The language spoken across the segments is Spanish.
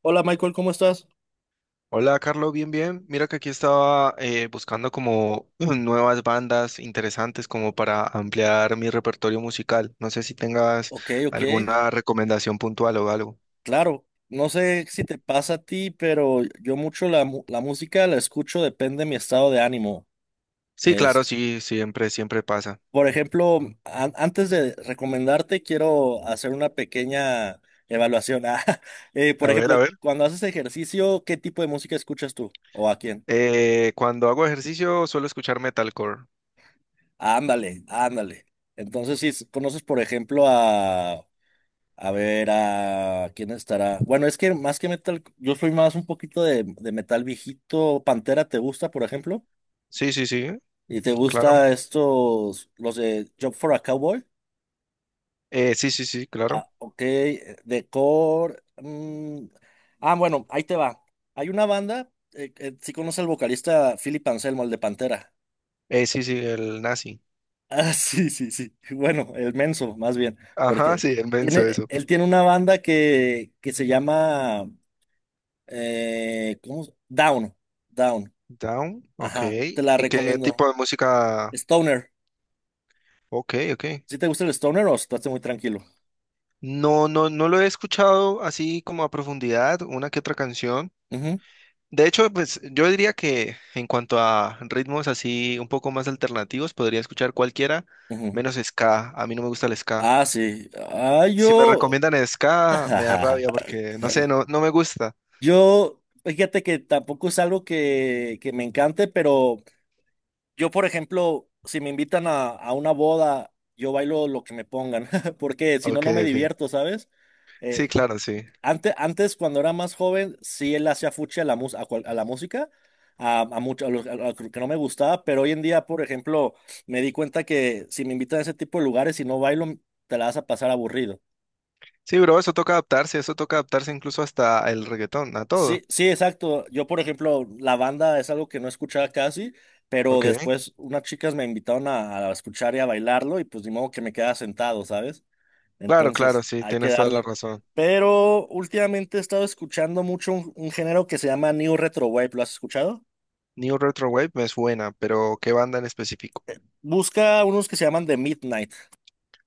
Hola Michael, ¿cómo estás? Hola, Carlos, bien, bien. Mira que aquí estaba buscando como nuevas bandas interesantes como para ampliar mi repertorio musical. No sé si tengas Ok, ok, alguna recomendación puntual o algo. claro. No sé si te pasa a ti, pero yo mucho la música la escucho, depende de mi estado de ánimo. Sí, claro, Es, sí, siempre, siempre pasa. por ejemplo, antes de recomendarte, quiero hacer una pequeña evaluación. Ah, por A ver, a ejemplo, ver. cuando haces ejercicio, ¿qué tipo de música escuchas tú? ¿O a quién? Cuando hago ejercicio suelo escuchar metalcore. Ándale, ándale. Entonces, si conoces, por ejemplo, a ver, ¿a quién estará? Bueno, es que más que metal, yo soy más un poquito de metal viejito. Pantera, ¿te gusta, por ejemplo? Sí, sí, sí, ¿Y te claro. gusta estos, los de Job for a Cowboy? Sí, sí, sí, claro. Ah, ok, de Core. Ah, bueno, ahí te va. Hay una banda, sí conoce al vocalista Philip Anselmo, el de Pantera. Sí, sí, el nazi. Ah, sí, sí, sí. Bueno, el Menso, más bien, Ajá, porque sí, el menso, tiene, eso. él tiene una banda que se llama... ¿cómo? Down, Down. Down, ok. Ajá, te la ¿Y qué tipo recomiendo. de música? Stoner. Ok, ok. ¿Sí te gusta el Stoner o estás muy tranquilo? No, no, no lo he escuchado así como a profundidad, una que otra canción. Ujú, De hecho, pues yo diría que en cuanto a ritmos así un poco más alternativos, podría escuchar cualquiera, ujú. menos ska. A mí no me gusta el ska. Ah, sí. Ah, Si me yo. recomiendan ska, me da rabia porque, no sé, no, no me gusta. Yo, fíjate que tampoco es algo que me encante, pero yo, por ejemplo, si me invitan a, una boda, yo bailo lo que me pongan, porque si no, Ok, no me ok. divierto, ¿sabes? Sí, Eh, claro, sí. antes, cuando era más joven, sí él hacía fuchi a la música, a, mucho- a los- a lo que no me gustaba, pero hoy en día, por ejemplo, me di cuenta que si me invitan a ese tipo de lugares y no bailo, te la vas a pasar aburrido. Sí, bro, eso toca adaptarse incluso hasta el reggaetón, a Sí, todo. sí, exacto. Yo, por ejemplo, la banda es algo que no escuchaba casi, pero Ok. después unas chicas me invitaron a escuchar y a bailarlo y pues ni modo que me quedaba sentado, ¿sabes? Claro, Entonces, claro, sí, hay que tienes toda la darle. razón. Pero últimamente he estado escuchando mucho un género que se llama New Retro Wave. ¿Lo has escuchado? New Retro Wave me suena, pero ¿qué banda en específico? Busca unos que se llaman The Midnight.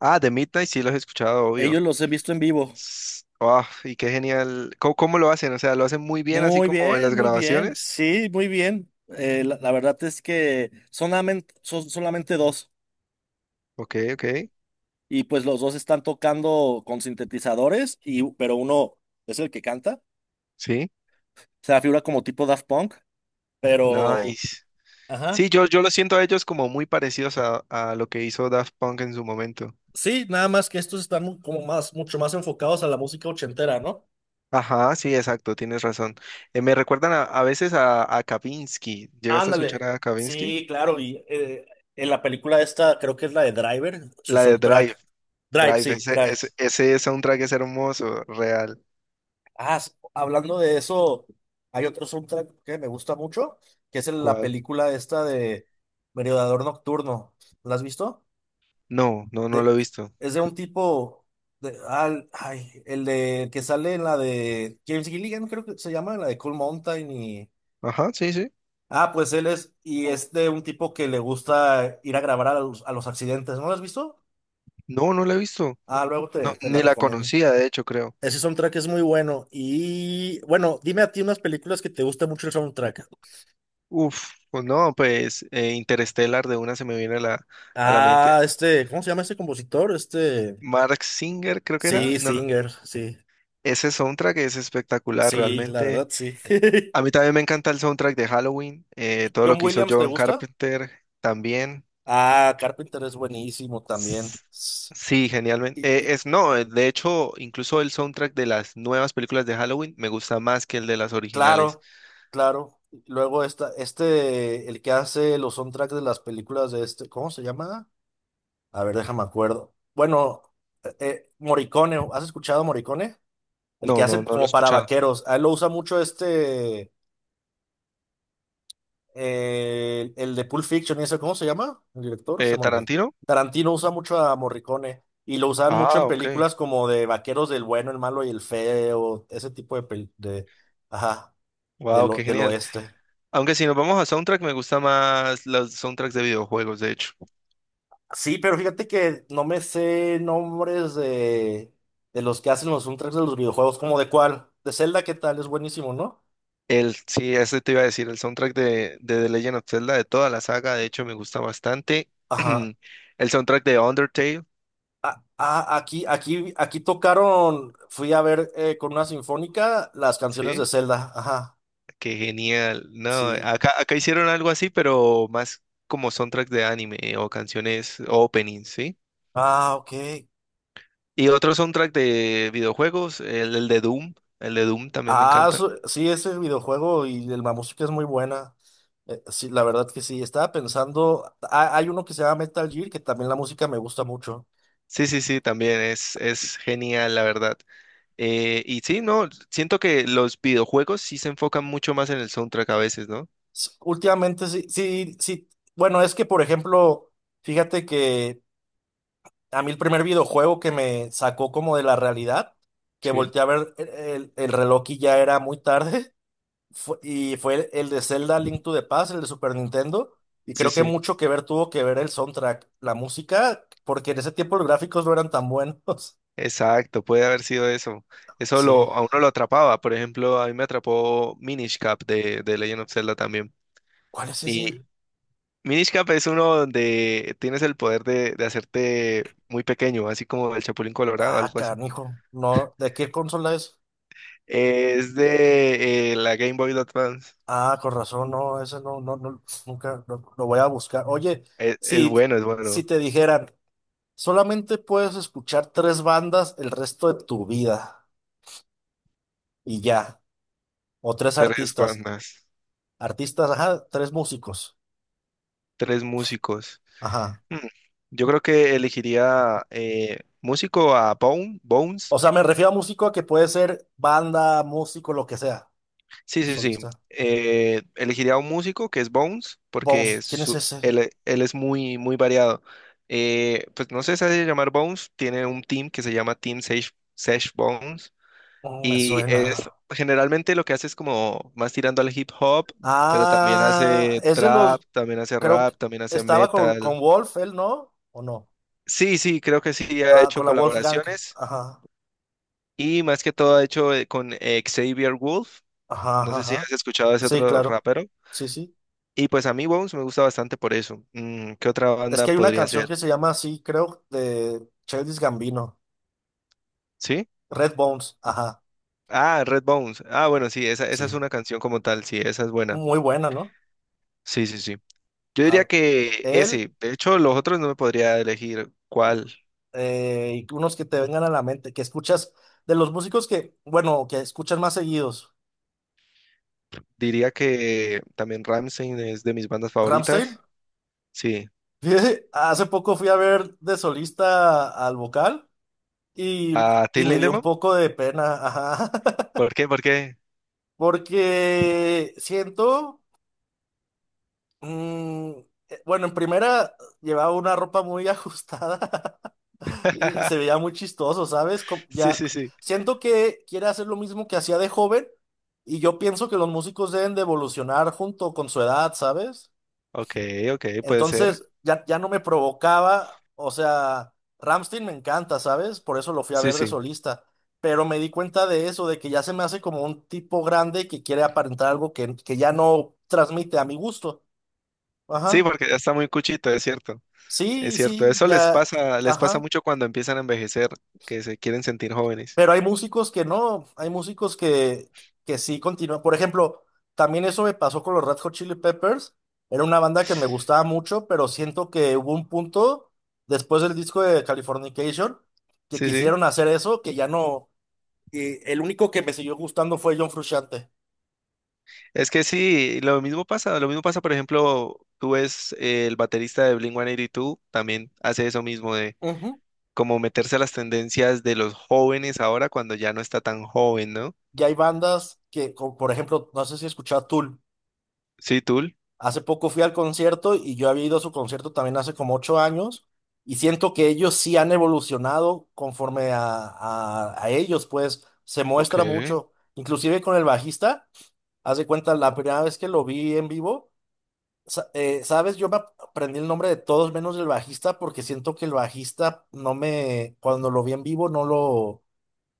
Ah, The Midnight sí los he escuchado, obvio. Ellos los he visto en vivo. Ah, y qué genial. ¿Cómo lo hacen? O sea, ¿lo hacen muy bien así Muy como en bien, las muy bien. grabaciones? Sí, muy bien. La verdad es que son solamente dos. Ok, ok. Y pues los dos están tocando con sintetizadores, pero uno es el que canta. Sí. Se la figura como tipo Daft Punk, pero... Nice. Ajá. Sí, yo lo siento a ellos como muy parecidos a lo que hizo Daft Punk en su momento. Sí, nada más que estos están como más, mucho más enfocados a la música ochentera, ¿no? Ajá, sí, exacto, tienes razón. Me recuerdan a veces a Kavinsky. ¿Llegaste a escuchar Ándale. a Kavinsky? Sí, claro, y en la película esta creo que es la de Driver, su La de Drive. soundtrack. Drive, Drive, sí, ese, Drive. ese, ese soundtrack es hermoso, real. Ah, hablando de eso, hay otro soundtrack que me gusta mucho, que es en la ¿Cuál? película esta de Merodeador Nocturno. ¿La has visto? No, no, no lo De, he visto. es de un tipo, ay, el de que sale en la de James Gilligan, creo que se llama, la de Cool Mountain y... Ajá, sí, sí. Ah, pues él es, y es de un tipo que le gusta ir a grabar a los accidentes, ¿no lo has visto? No, no lo he visto. Ah, luego No, te la ni la recomiendo. conocía, de hecho, creo. Ese soundtrack es muy bueno. Y bueno, dime a ti unas películas que te gusta mucho el soundtrack. Uf, pues no, pues Interstellar de una se me viene a la mente. Ah, este, ¿cómo se llama este compositor? Este, Mark Singer, creo que era. sí, No, Singer, sí. ese soundtrack es espectacular, Sí, la realmente. verdad, sí. A mí también me encanta el soundtrack de Halloween, todo lo John que hizo Williams, ¿te John gusta? Carpenter también. Ah, Carpenter es buenísimo también. S- Sí, genialmente. Y, Es, no, de hecho, incluso el soundtrack de las nuevas películas de Halloween me gusta más que el de las originales. Claro, claro. Luego esta, este, el que hace los soundtracks de las películas de este, ¿cómo se llama? A ver, déjame acuerdo. Bueno, Morricone, ¿has escuchado Morricone? El que No, no, hace no lo he como para escuchado. vaqueros. A él lo usa mucho este, el de Pulp Fiction y eso, ¿cómo se llama? El director, se me olvidó. ¿Tarantino? Tarantino usa mucho a Morricone y lo usaban mucho Ah, en ok. películas como de vaqueros, del bueno, el malo y el feo, ese tipo de, de, ajá, Wow, del o- qué del genial. oeste. Aunque si nos vamos a soundtrack, me gusta más los soundtracks de videojuegos, de hecho. Sí, pero fíjate que no me sé nombres de los que hacen los soundtracks de los videojuegos, como de cuál, de Zelda, ¿qué tal? Es buenísimo, ¿no? El, sí, ese te iba a decir, el soundtrack de The Legend of Zelda, de toda la saga, de hecho, me gusta bastante. Ajá. El soundtrack de Undertale, Ah, ah, aquí tocaron, fui a ver con una sinfónica las canciones sí, de Zelda, ajá, qué genial. No, sí. acá hicieron algo así, pero más como soundtrack de anime o canciones o openings, ¿sí? Ah, ok. Y otro soundtrack de videojuegos, el de Doom, el de Doom también me Ah, encanta. Sí, ese videojuego y la música es muy buena. Sí, la verdad que sí. Estaba pensando, ah, hay uno que se llama Metal Gear, que también la música me gusta mucho. Sí, sí, sí, también es genial, la verdad. Y sí, no, siento que los videojuegos sí se enfocan mucho más en el soundtrack a veces, ¿no? Últimamente sí, sí, sí. Bueno, es que, por ejemplo, fíjate que a mí el primer videojuego que me sacó como de la realidad, que Sí, volteé a ver el reloj y ya era muy tarde, y fue el de Zelda Link to the Past, el de Super Nintendo, y sí, creo que sí. mucho que ver tuvo que ver el soundtrack, la música, porque en ese tiempo los gráficos no eran tan buenos. Exacto, puede haber sido eso. Sí. A uno lo atrapaba. Por ejemplo, a mí me atrapó Minish Cap de Legend of Zelda también. ¿Cuál es ese? Y Minish Cap es uno donde tienes el poder de hacerte muy pequeño, así como el Chapulín Colorado, Ah, algo así. canijo. No, ¿de qué consola es? Es de la Game Boy Advance. Ah, con razón, no, eso no, no, no, nunca lo voy a buscar. Oye, Es si, bueno, es si bueno. te dijeran, solamente puedes escuchar tres bandas el resto de tu vida y ya, o tres Tres artistas, bandas, artistas, ajá, tres músicos, tres músicos. ajá. Mm, Yo creo que elegiría músico a Bone, Bones. O sea, me refiero a músico a que puede ser banda, músico, lo que sea, Sí, sí, sí. solista. Elegiría a un músico que es Bones, porque Bones, ¿quién es su- ese? él, él es muy, muy variado. Pues no sé si se llamar Bones, tiene un team que se llama Team Sesh, Sesh Bones. Mm, me Y suena. es generalmente lo que hace es como más tirando al hip hop, pero también Ah, hace es de trap, los, también hace creo que rap, también hace estaba con, metal. con Wolf, él, ¿no? ¿O no? Sí, sí, creo que sí ha Ah, hecho con la Wolfgang. colaboraciones. Ajá, Y más que todo ha hecho con Xavier Wolf. ajá, No ajá, sé si has ajá. escuchado a ese Sí, otro claro. rapero. Sí, sí. Y pues a mí Bones me gusta bastante por eso. ¿Qué otra Es que banda hay una podría canción ser? que se llama así, creo, de Childish Gambino. ¿Sí? Red Bones. Ajá, Ah, Red Bones. Ah, bueno, sí, esa es sí. una canción como tal. Sí, esa es buena. Muy buena, ¿no? Sí, sí, sí. Yo diría A- que él ese. De hecho, los otros no me podría elegir cuál. Y unos que te vengan a la mente, que escuchas de los músicos que, bueno, que escuchas más seguidos. Diría que también Ramstein es de mis bandas Ramstein. favoritas. Sí. Fíjate, hace poco fui a ver de solista al vocal y, ¿A y Till me dio un Lindemann? poco de pena, ajá, ¿Por qué? ¿Por qué? porque siento... Mm, bueno, en primera llevaba una ropa muy ajustada y se veía muy chistoso, ¿sabes? Sí, Ya sí, sí. siento que quiere hacer lo mismo que hacía de joven y yo pienso que los músicos deben de evolucionar junto con su edad, ¿sabes? Ok, ok, puede ser. Entonces ya no me provocaba, o sea, Rammstein me encanta, ¿sabes? Por eso lo fui a Sí, ver de sí. solista, pero me di cuenta de eso, de que ya se me hace como un tipo grande que quiere aparentar algo que ya no transmite a mi gusto. Sí, Ajá. porque ya está muy cuchito, es cierto, es Sí, cierto. sí, Eso ya, les pasa ajá. mucho cuando empiezan a envejecer, que se quieren sentir jóvenes. Pero hay músicos que no, hay músicos que sí continúan. Por ejemplo, también eso me pasó con los Red Hot Chili Peppers. Era una banda que me gustaba mucho, pero siento que hubo un punto después del disco de Californication que Sí, sí. quisieron hacer eso, que ya no. El único que me siguió gustando fue John Frusciante. Es que sí, lo mismo pasa, por ejemplo, tú ves el baterista de Blink-182, también hace eso mismo de Ujú. como meterse a las tendencias de los jóvenes ahora cuando ya no está tan joven, ¿no? Ya hay bandas que, como por ejemplo, no sé si escuchaba Tool. Sí, Tool. Hace poco fui al concierto y yo había ido a su concierto también hace como 8 años y siento que ellos sí han evolucionado conforme a, a ellos, pues se Ok, muestra mucho, inclusive con el bajista, haz de cuenta la primera vez que lo vi en vivo, sabes, yo me aprendí el nombre de todos menos del bajista, porque siento que el bajista no me, cuando lo vi en vivo no lo,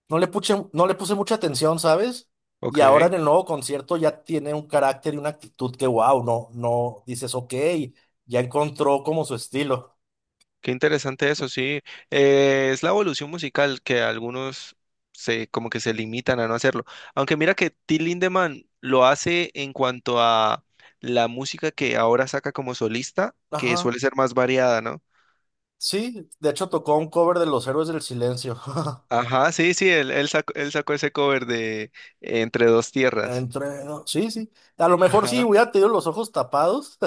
no le puse mucha atención, ¿sabes? Y ahora ok. en el nuevo concierto ya tiene un carácter y una actitud que, wow, no, no, dices, ok, ya encontró como su estilo. Qué interesante eso, sí. Es la evolución musical que algunos se como que se limitan a no hacerlo. Aunque mira que Till Lindemann lo hace en cuanto a la música que ahora saca como solista, que Ajá, suele ser más variada, ¿no? sí, de hecho tocó un cover de Los Héroes del Silencio. Ajá, sí, sí, él sacó ese cover de Entre dos tierras. Entre, no, sí, sí. A lo mejor sí Ajá. hubiera tenido los ojos tapados,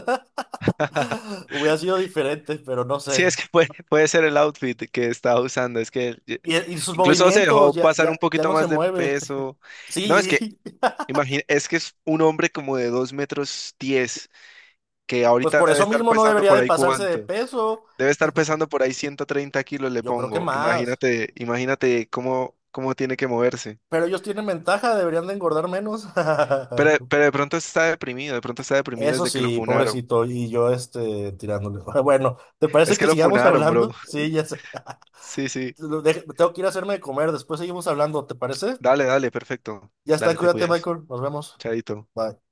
hubiera sido diferente, pero no Sí, sé. es que puede ser el outfit que estaba usando. Es que Y sus incluso se dejó movimientos, ya, pasar un ya, ya poquito no se más de mueve. peso. No, es que Sí, imagina, es que es un hombre como de 2 metros 10, que pues ahorita por debe eso estar mismo no pesando debería por de ahí pasarse de cuánto. peso. Debe estar pesando por ahí 130 kilos, le Yo creo que pongo. más. Imagínate cómo tiene que moverse. Pero ellos tienen ventaja, deberían de engordar menos. Pero de pronto está deprimido, de pronto está deprimido Eso desde que lo sí, funaron. pobrecito, y yo este tirándole. Bueno, ¿te Es parece que que lo sigamos funaron, bro. hablando? Sí, ya sé. Sí, sí. Tengo que ir a hacerme de comer, después seguimos hablando, ¿te parece? Dale, dale, perfecto. Ya está, Dale, te cuídate, cuidas. Michael, nos vemos. Chadito. Bye.